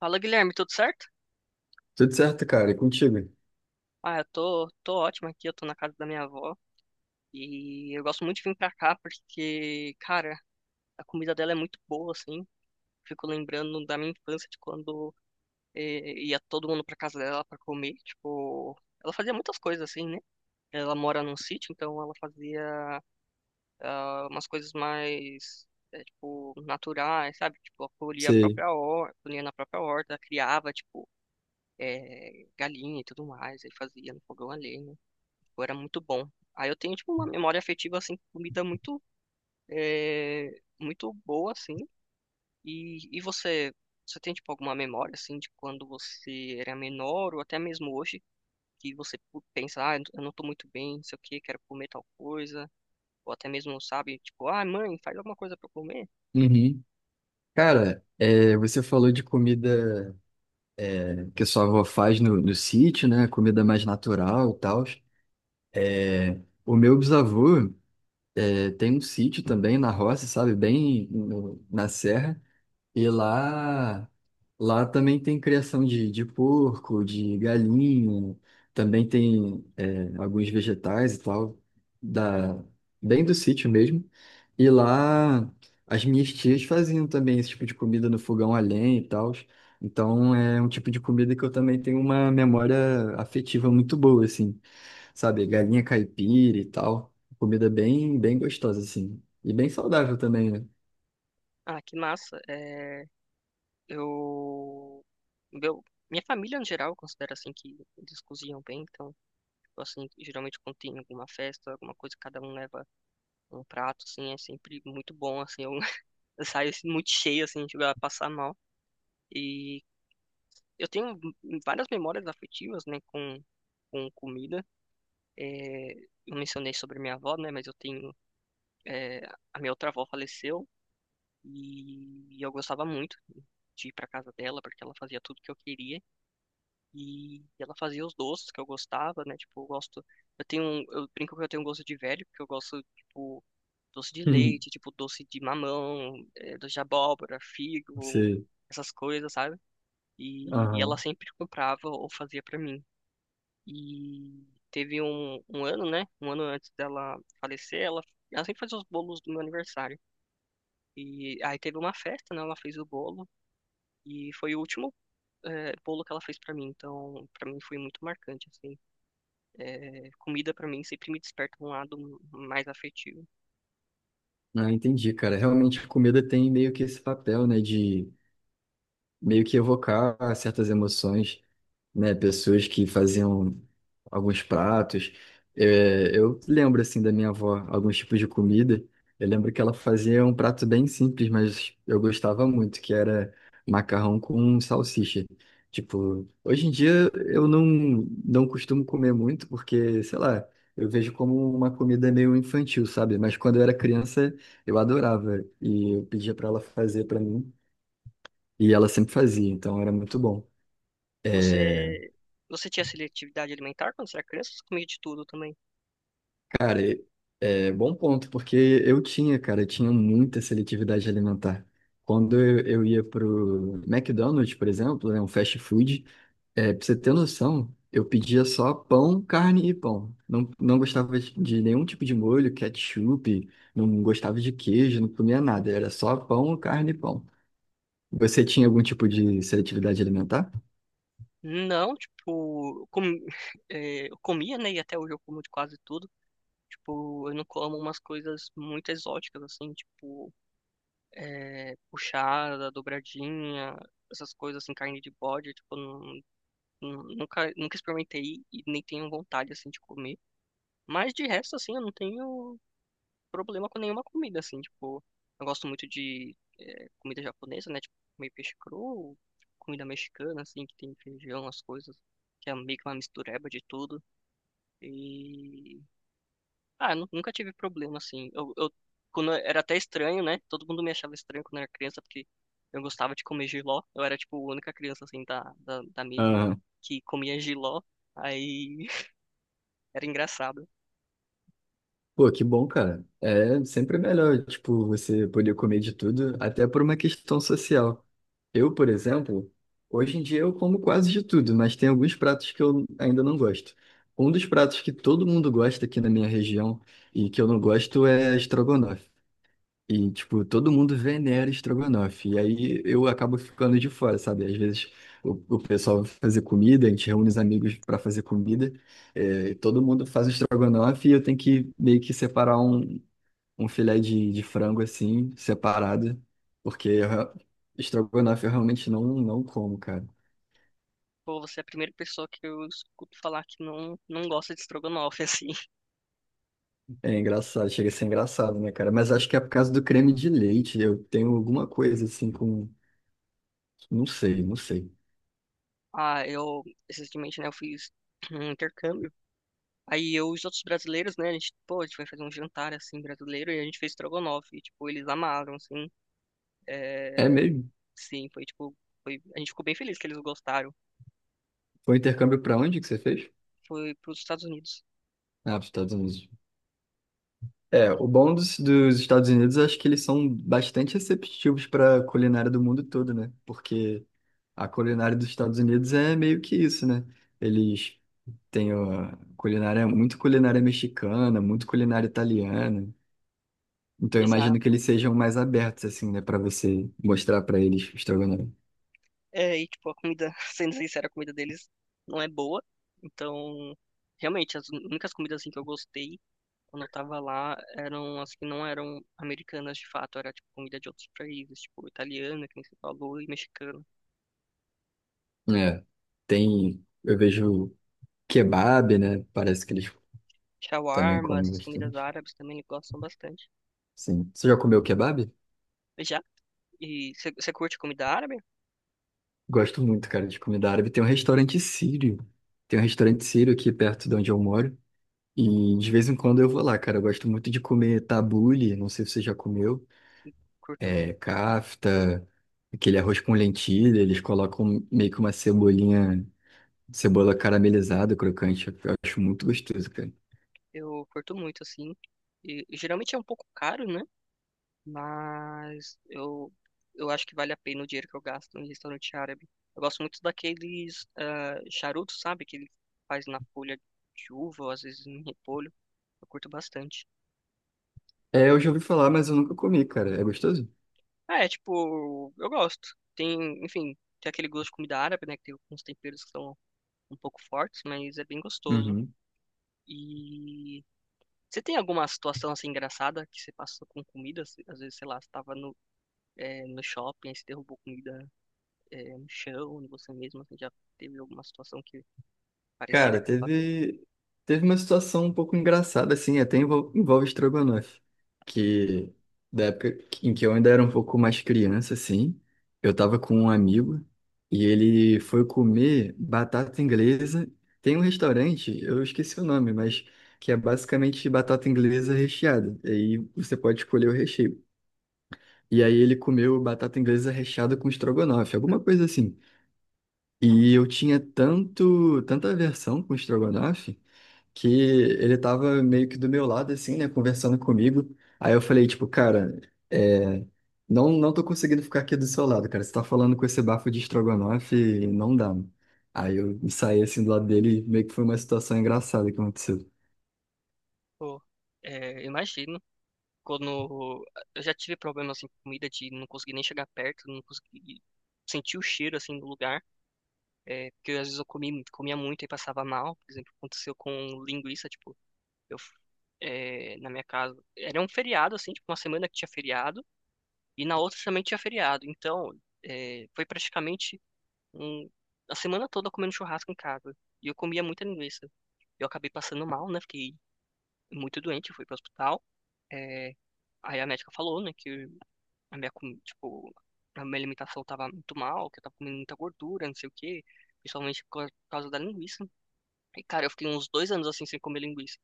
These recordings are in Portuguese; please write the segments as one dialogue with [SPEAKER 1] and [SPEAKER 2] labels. [SPEAKER 1] Fala, Guilherme, tudo certo?
[SPEAKER 2] Tudo certo, cara? E contigo?
[SPEAKER 1] Ah, eu tô ótimo aqui, eu tô na casa da minha avó e eu gosto muito de vir pra cá porque, cara, a comida dela é muito boa, assim. Fico lembrando da minha infância de quando ia todo mundo pra casa dela pra comer, tipo, ela fazia muitas coisas assim, né? Ela mora num sítio, então ela fazia ah, umas coisas mais, tipo, naturais, sabe? Tipo, ela colhia a
[SPEAKER 2] Sei.
[SPEAKER 1] própria horta, colhia na própria horta, criava, tipo, galinha e tudo mais, aí fazia no fogão a lenha. Pô, era muito bom. Aí eu tenho, tipo, uma memória afetiva, assim, com comida muito, é, muito boa, assim. E você, você tem, tipo, alguma memória, assim, de quando você era menor ou até mesmo hoje, que você pensa, ah, eu não tô muito bem, não sei o quê, quero comer tal coisa. Ou até mesmo, sabe, tipo, ah, mãe, faz alguma coisa pra eu comer.
[SPEAKER 2] Uhum. Cara, você falou de comida que sua avó faz no sítio, né? Comida mais natural e tal. O meu bisavô tem um sítio também na roça, sabe? Bem na serra. E lá, lá também tem criação de porco, de galinha, também tem alguns vegetais e tal, da, bem do sítio mesmo. E lá as minhas tias faziam também esse tipo de comida no fogão a lenha e tal. Então é um tipo de comida que eu também tenho uma memória afetiva muito boa, assim, sabe? Galinha caipira e tal. Comida bem, bem gostosa, assim. E bem saudável também, né?
[SPEAKER 1] Ah, que massa. Eu... Meu, minha família, no geral, considera, assim, que eles cozinham bem, então... Tipo assim, geralmente quando tem alguma festa, alguma coisa, cada um leva um prato, assim, é sempre muito bom, assim, eu, eu saio assim, muito cheio, assim, chego a passar mal. E eu tenho várias memórias afetivas, né, com comida. É, eu mencionei sobre minha avó, né, mas eu tenho, é, a minha outra avó faleceu e eu gostava muito de ir para casa dela, porque ela fazia tudo que eu queria. E ela fazia os doces que eu gostava, né? Tipo, eu gosto. Eu brinco que eu tenho um gosto de velho, porque eu gosto, tipo, doce de leite, tipo, doce de mamão, doce de abóbora, figo,
[SPEAKER 2] Você.
[SPEAKER 1] essas coisas, sabe? E ela
[SPEAKER 2] Aham.
[SPEAKER 1] sempre comprava ou fazia pra mim. E teve um ano, né? Um ano antes dela falecer, ela sempre fazia os bolos do meu aniversário. E aí teve uma festa, né? Ela fez o bolo. E foi o último, bolo que ela fez pra mim. Então, pra mim foi muito marcante, assim. É, comida pra mim sempre me desperta um lado mais afetivo.
[SPEAKER 2] Ah, entendi, cara. Realmente, a comida tem meio que esse papel, né, de meio que evocar certas emoções, né? Pessoas que faziam alguns pratos. Eu lembro, assim, da minha avó, alguns tipos de comida. Eu lembro que ela fazia um prato bem simples, mas eu gostava muito, que era macarrão com salsicha. Tipo, hoje em dia eu não, não costumo comer muito, porque, sei lá, eu vejo como uma comida meio infantil, sabe? Mas quando eu era criança, eu adorava. E eu pedia para ela fazer para mim, e ela sempre fazia, então era muito bom. É,
[SPEAKER 1] Você, você tinha seletividade alimentar quando você era criança? Ou você comia de tudo também?
[SPEAKER 2] cara, é bom ponto, porque eu tinha, cara, eu tinha muita seletividade alimentar. Quando eu ia pro McDonald's, por exemplo, né, um fast food, pra você ter noção, eu pedia só pão, carne e pão. Não gostava de nenhum tipo de molho, ketchup, não gostava de queijo, não comia nada, era só pão, carne e pão. Você tinha algum tipo de seletividade alimentar?
[SPEAKER 1] Não, tipo, com, é, eu comia, né? E até hoje eu como de quase tudo. Tipo, eu não como umas coisas muito exóticas, assim, tipo, puxada, dobradinha, essas coisas, assim, carne de bode, tipo, nunca experimentei e nem tenho vontade, assim, de comer. Mas de resto, assim, eu não tenho problema com nenhuma comida, assim, tipo, eu gosto muito de comida japonesa, né? Tipo, comer peixe cru, comida mexicana, assim, que tem feijão, as coisas, que é meio que uma mistureba de tudo. E. Ah, nunca tive problema, assim. Era até estranho, né? Todo mundo me achava estranho quando eu era criança, porque eu gostava de comer jiló. Eu era, tipo, a única criança, assim, da mesa que comia jiló. Aí era engraçado.
[SPEAKER 2] Pô, que bom, cara. É sempre melhor, tipo, você poder comer de tudo, até por uma questão social. Eu, por exemplo, hoje em dia eu como quase de tudo, mas tem alguns pratos que eu ainda não gosto. Um dos pratos que todo mundo gosta aqui na minha região e que eu não gosto é estrogonofe. E, tipo, todo mundo venera estrogonofe. E aí eu acabo ficando de fora, sabe? Às vezes o pessoal vai fazer comida, a gente reúne os amigos para fazer comida, e todo mundo faz o estrogonofe e eu tenho que meio que separar um, um filé de frango assim, separado, porque estrogonofe eu realmente não como, cara.
[SPEAKER 1] Pô, você é a primeira pessoa que eu escuto falar que não gosta de estrogonofe, assim.
[SPEAKER 2] É engraçado, chega a ser engraçado, né, cara? Mas acho que é por causa do creme de leite. Eu tenho alguma coisa assim com. Não sei, não sei.
[SPEAKER 1] Ah, eu, recentemente, né, eu fiz um intercâmbio. Aí eu e os outros brasileiros, né, a gente, pô, a gente foi fazer um jantar, assim, brasileiro, e a gente fez estrogonofe, e, tipo, eles amaram, assim,
[SPEAKER 2] É
[SPEAKER 1] é,
[SPEAKER 2] mesmo?
[SPEAKER 1] sim, foi, tipo, foi, a gente ficou bem feliz que eles gostaram.
[SPEAKER 2] Foi um intercâmbio pra onde que você fez?
[SPEAKER 1] Foi pros Estados Unidos.
[SPEAKER 2] Ah, pros Estados Unidos. É,
[SPEAKER 1] E-
[SPEAKER 2] o bom dos Estados Unidos, eu acho que eles são bastante receptivos para a culinária do mundo todo, né? Porque a culinária dos Estados Unidos é meio que isso, né? Eles têm ó, culinária, muito culinária mexicana, muito culinária italiana. Então eu
[SPEAKER 1] Exato.
[SPEAKER 2] imagino que eles sejam mais abertos, assim, né? Para você mostrar para eles o estrogonofe.
[SPEAKER 1] É, e, tipo, a comida, sendo sincero, a comida deles não é boa, então, realmente, as únicas comidas, assim, que eu gostei quando eu tava lá, eram as que não eram americanas de fato, era tipo comida de outros países, tipo italiana, que nem você falou, e mexicana.
[SPEAKER 2] É, tem, eu vejo kebab, né? Parece que eles também
[SPEAKER 1] Shawarma,
[SPEAKER 2] comem
[SPEAKER 1] essas comidas
[SPEAKER 2] bastante.
[SPEAKER 1] árabes também eles gostam bastante.
[SPEAKER 2] Sim. Você já comeu kebab?
[SPEAKER 1] Já? E você curte comida árabe?
[SPEAKER 2] Gosto muito, cara, de comida árabe. Tem um restaurante sírio. Tem um restaurante sírio aqui perto de onde eu moro. E de vez em quando eu vou lá, cara. Eu gosto muito de comer tabule, não sei se você já comeu.
[SPEAKER 1] Curto.
[SPEAKER 2] É, kafta, aquele arroz com lentilha. Eles colocam meio que uma cebolinha, cebola caramelizada, crocante. Eu acho muito gostoso, cara.
[SPEAKER 1] Eu curto muito, assim. E geralmente é um pouco caro, né? Mas eu acho que vale a pena o dinheiro que eu gasto em restaurante árabe. Eu gosto muito daqueles ah, charutos, sabe? Que ele faz na folha de uva, ou às vezes em repolho. Eu curto bastante.
[SPEAKER 2] É, eu já ouvi falar, mas eu nunca comi, cara. É gostoso?
[SPEAKER 1] Ah, é, tipo, eu gosto. Tem, enfim, tem aquele gosto de comida árabe, né? Que tem uns temperos que são um pouco fortes, mas é bem gostoso.
[SPEAKER 2] Uhum.
[SPEAKER 1] E você tem alguma situação assim engraçada que você passou com comida? Às vezes, sei lá, você tava no, no shopping, aí você derrubou comida, no chão, em você mesmo, assim, já teve alguma situação que parecida
[SPEAKER 2] Cara,
[SPEAKER 1] que você passou?
[SPEAKER 2] teve, teve uma situação um pouco engraçada, assim, envolve estrogonofe, que da época em que eu ainda era um pouco mais criança, assim, eu tava com um amigo e ele foi comer batata inglesa. Tem um restaurante, eu esqueci o nome, mas que é basicamente batata inglesa recheada. E aí você pode escolher o recheio. E aí ele comeu batata inglesa recheada com estrogonofe, alguma coisa assim. E eu tinha tanto, tanta aversão com estrogonofe que ele tava meio que do meu lado, assim, né, conversando comigo. Aí eu falei, tipo, cara, é, não tô conseguindo ficar aqui do seu lado, cara. Você tá falando com esse bafo de estrogonofe e não dá, mano. Aí eu saí, assim, do lado dele e meio que foi uma situação engraçada que aconteceu.
[SPEAKER 1] Pô, é, imagino. Quando eu já tive problema assim com comida de não conseguir nem chegar perto, não conseguir sentir o cheiro assim do lugar. É, porque às vezes comia muito e passava mal. Por exemplo, aconteceu com linguiça, tipo, eu, na minha casa. Era um feriado, assim, tipo, uma semana que tinha feriado, e na outra também tinha feriado. Então, foi praticamente um, a semana toda comendo churrasco em casa. E eu comia muita linguiça. Eu acabei passando mal, né? Fiquei muito doente, fui pro hospital. É, aí a médica falou, né, que a minha, comi- tipo, a minha alimentação tava muito mal, que eu tava comendo muita gordura, não sei o quê, principalmente por causa da linguiça. E, cara, eu fiquei uns dois anos assim sem comer linguiça.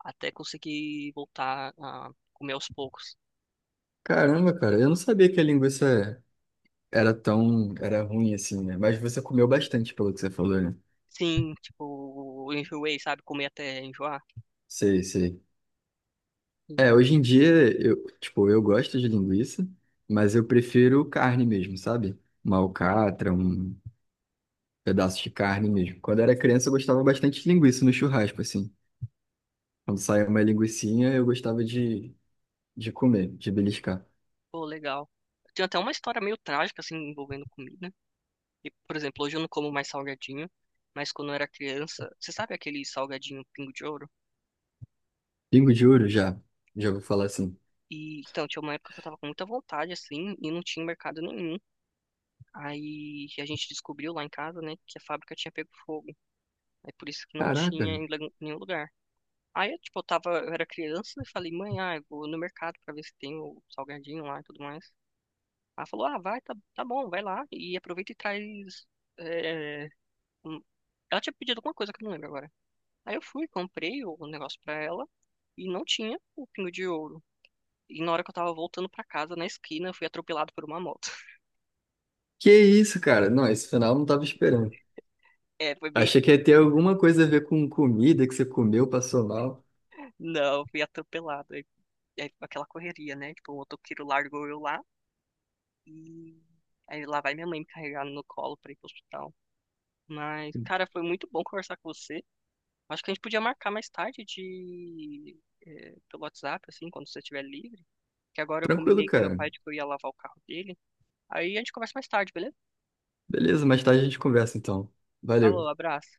[SPEAKER 1] Até conseguir voltar a comer aos poucos.
[SPEAKER 2] Caramba, cara, eu não sabia que a linguiça era tão, era ruim assim, né? Mas você comeu bastante, pelo que você falou, né?
[SPEAKER 1] Sim, tipo, eu enjoei, sabe? Comer até enjoar.
[SPEAKER 2] Sei, sei.
[SPEAKER 1] E,
[SPEAKER 2] É, hoje em dia, tipo, eu gosto de linguiça, mas eu prefiro carne mesmo, sabe? Uma alcatra, um pedaço de carne mesmo. Quando eu era criança, eu gostava bastante de linguiça no churrasco, assim. Quando saía uma linguicinha, eu gostava de comer, de beliscar.
[SPEAKER 1] pô, legal. Tem até uma história meio trágica, assim, envolvendo comida. E, por exemplo, hoje eu não como mais salgadinho. Mas quando eu era criança, você sabe aquele salgadinho Pingo de Ouro?
[SPEAKER 2] Pingo de ouro, já. Já vou falar assim.
[SPEAKER 1] E, então, tinha uma época que eu tava com muita vontade, assim, e não tinha mercado nenhum. Aí a gente descobriu lá em casa, né, que a fábrica tinha pego fogo. Aí por isso que não
[SPEAKER 2] Caraca,
[SPEAKER 1] tinha em nenhum lugar. Aí, eu, tipo, eu tava, eu era criança e falei, mãe, ah, eu vou no mercado pra ver se tem o salgadinho lá e tudo mais. Ela falou, ah, vai, tá bom, vai lá e aproveita e traz. é, um- Ela tinha pedido alguma coisa que eu não lembro agora. Aí eu fui, comprei o negócio pra ela e não tinha o pingo de ouro. E na hora que eu tava voltando pra casa, na esquina, eu fui atropelado por uma moto.
[SPEAKER 2] que isso, cara? Não, esse final eu não tava esperando.
[SPEAKER 1] É, foi bem.
[SPEAKER 2] Achei que ia ter alguma coisa a ver com comida que você comeu, passou mal.
[SPEAKER 1] Não, eu fui atropelado. Aí foi aquela correria, né? Tipo, o motoqueiro largou eu lá e. Aí lá vai minha mãe me carregar no colo pra ir pro hospital. Mas, cara, foi muito bom conversar com você. Acho que a gente podia marcar mais tarde de pelo WhatsApp, assim, quando você estiver livre. Que agora eu
[SPEAKER 2] Tranquilo,
[SPEAKER 1] combinei com meu
[SPEAKER 2] cara.
[SPEAKER 1] pai de que eu ia lavar o carro dele. Aí a gente conversa mais tarde, beleza?
[SPEAKER 2] Beleza, mais tarde a gente conversa, então.
[SPEAKER 1] Falou,
[SPEAKER 2] Valeu.
[SPEAKER 1] abraço.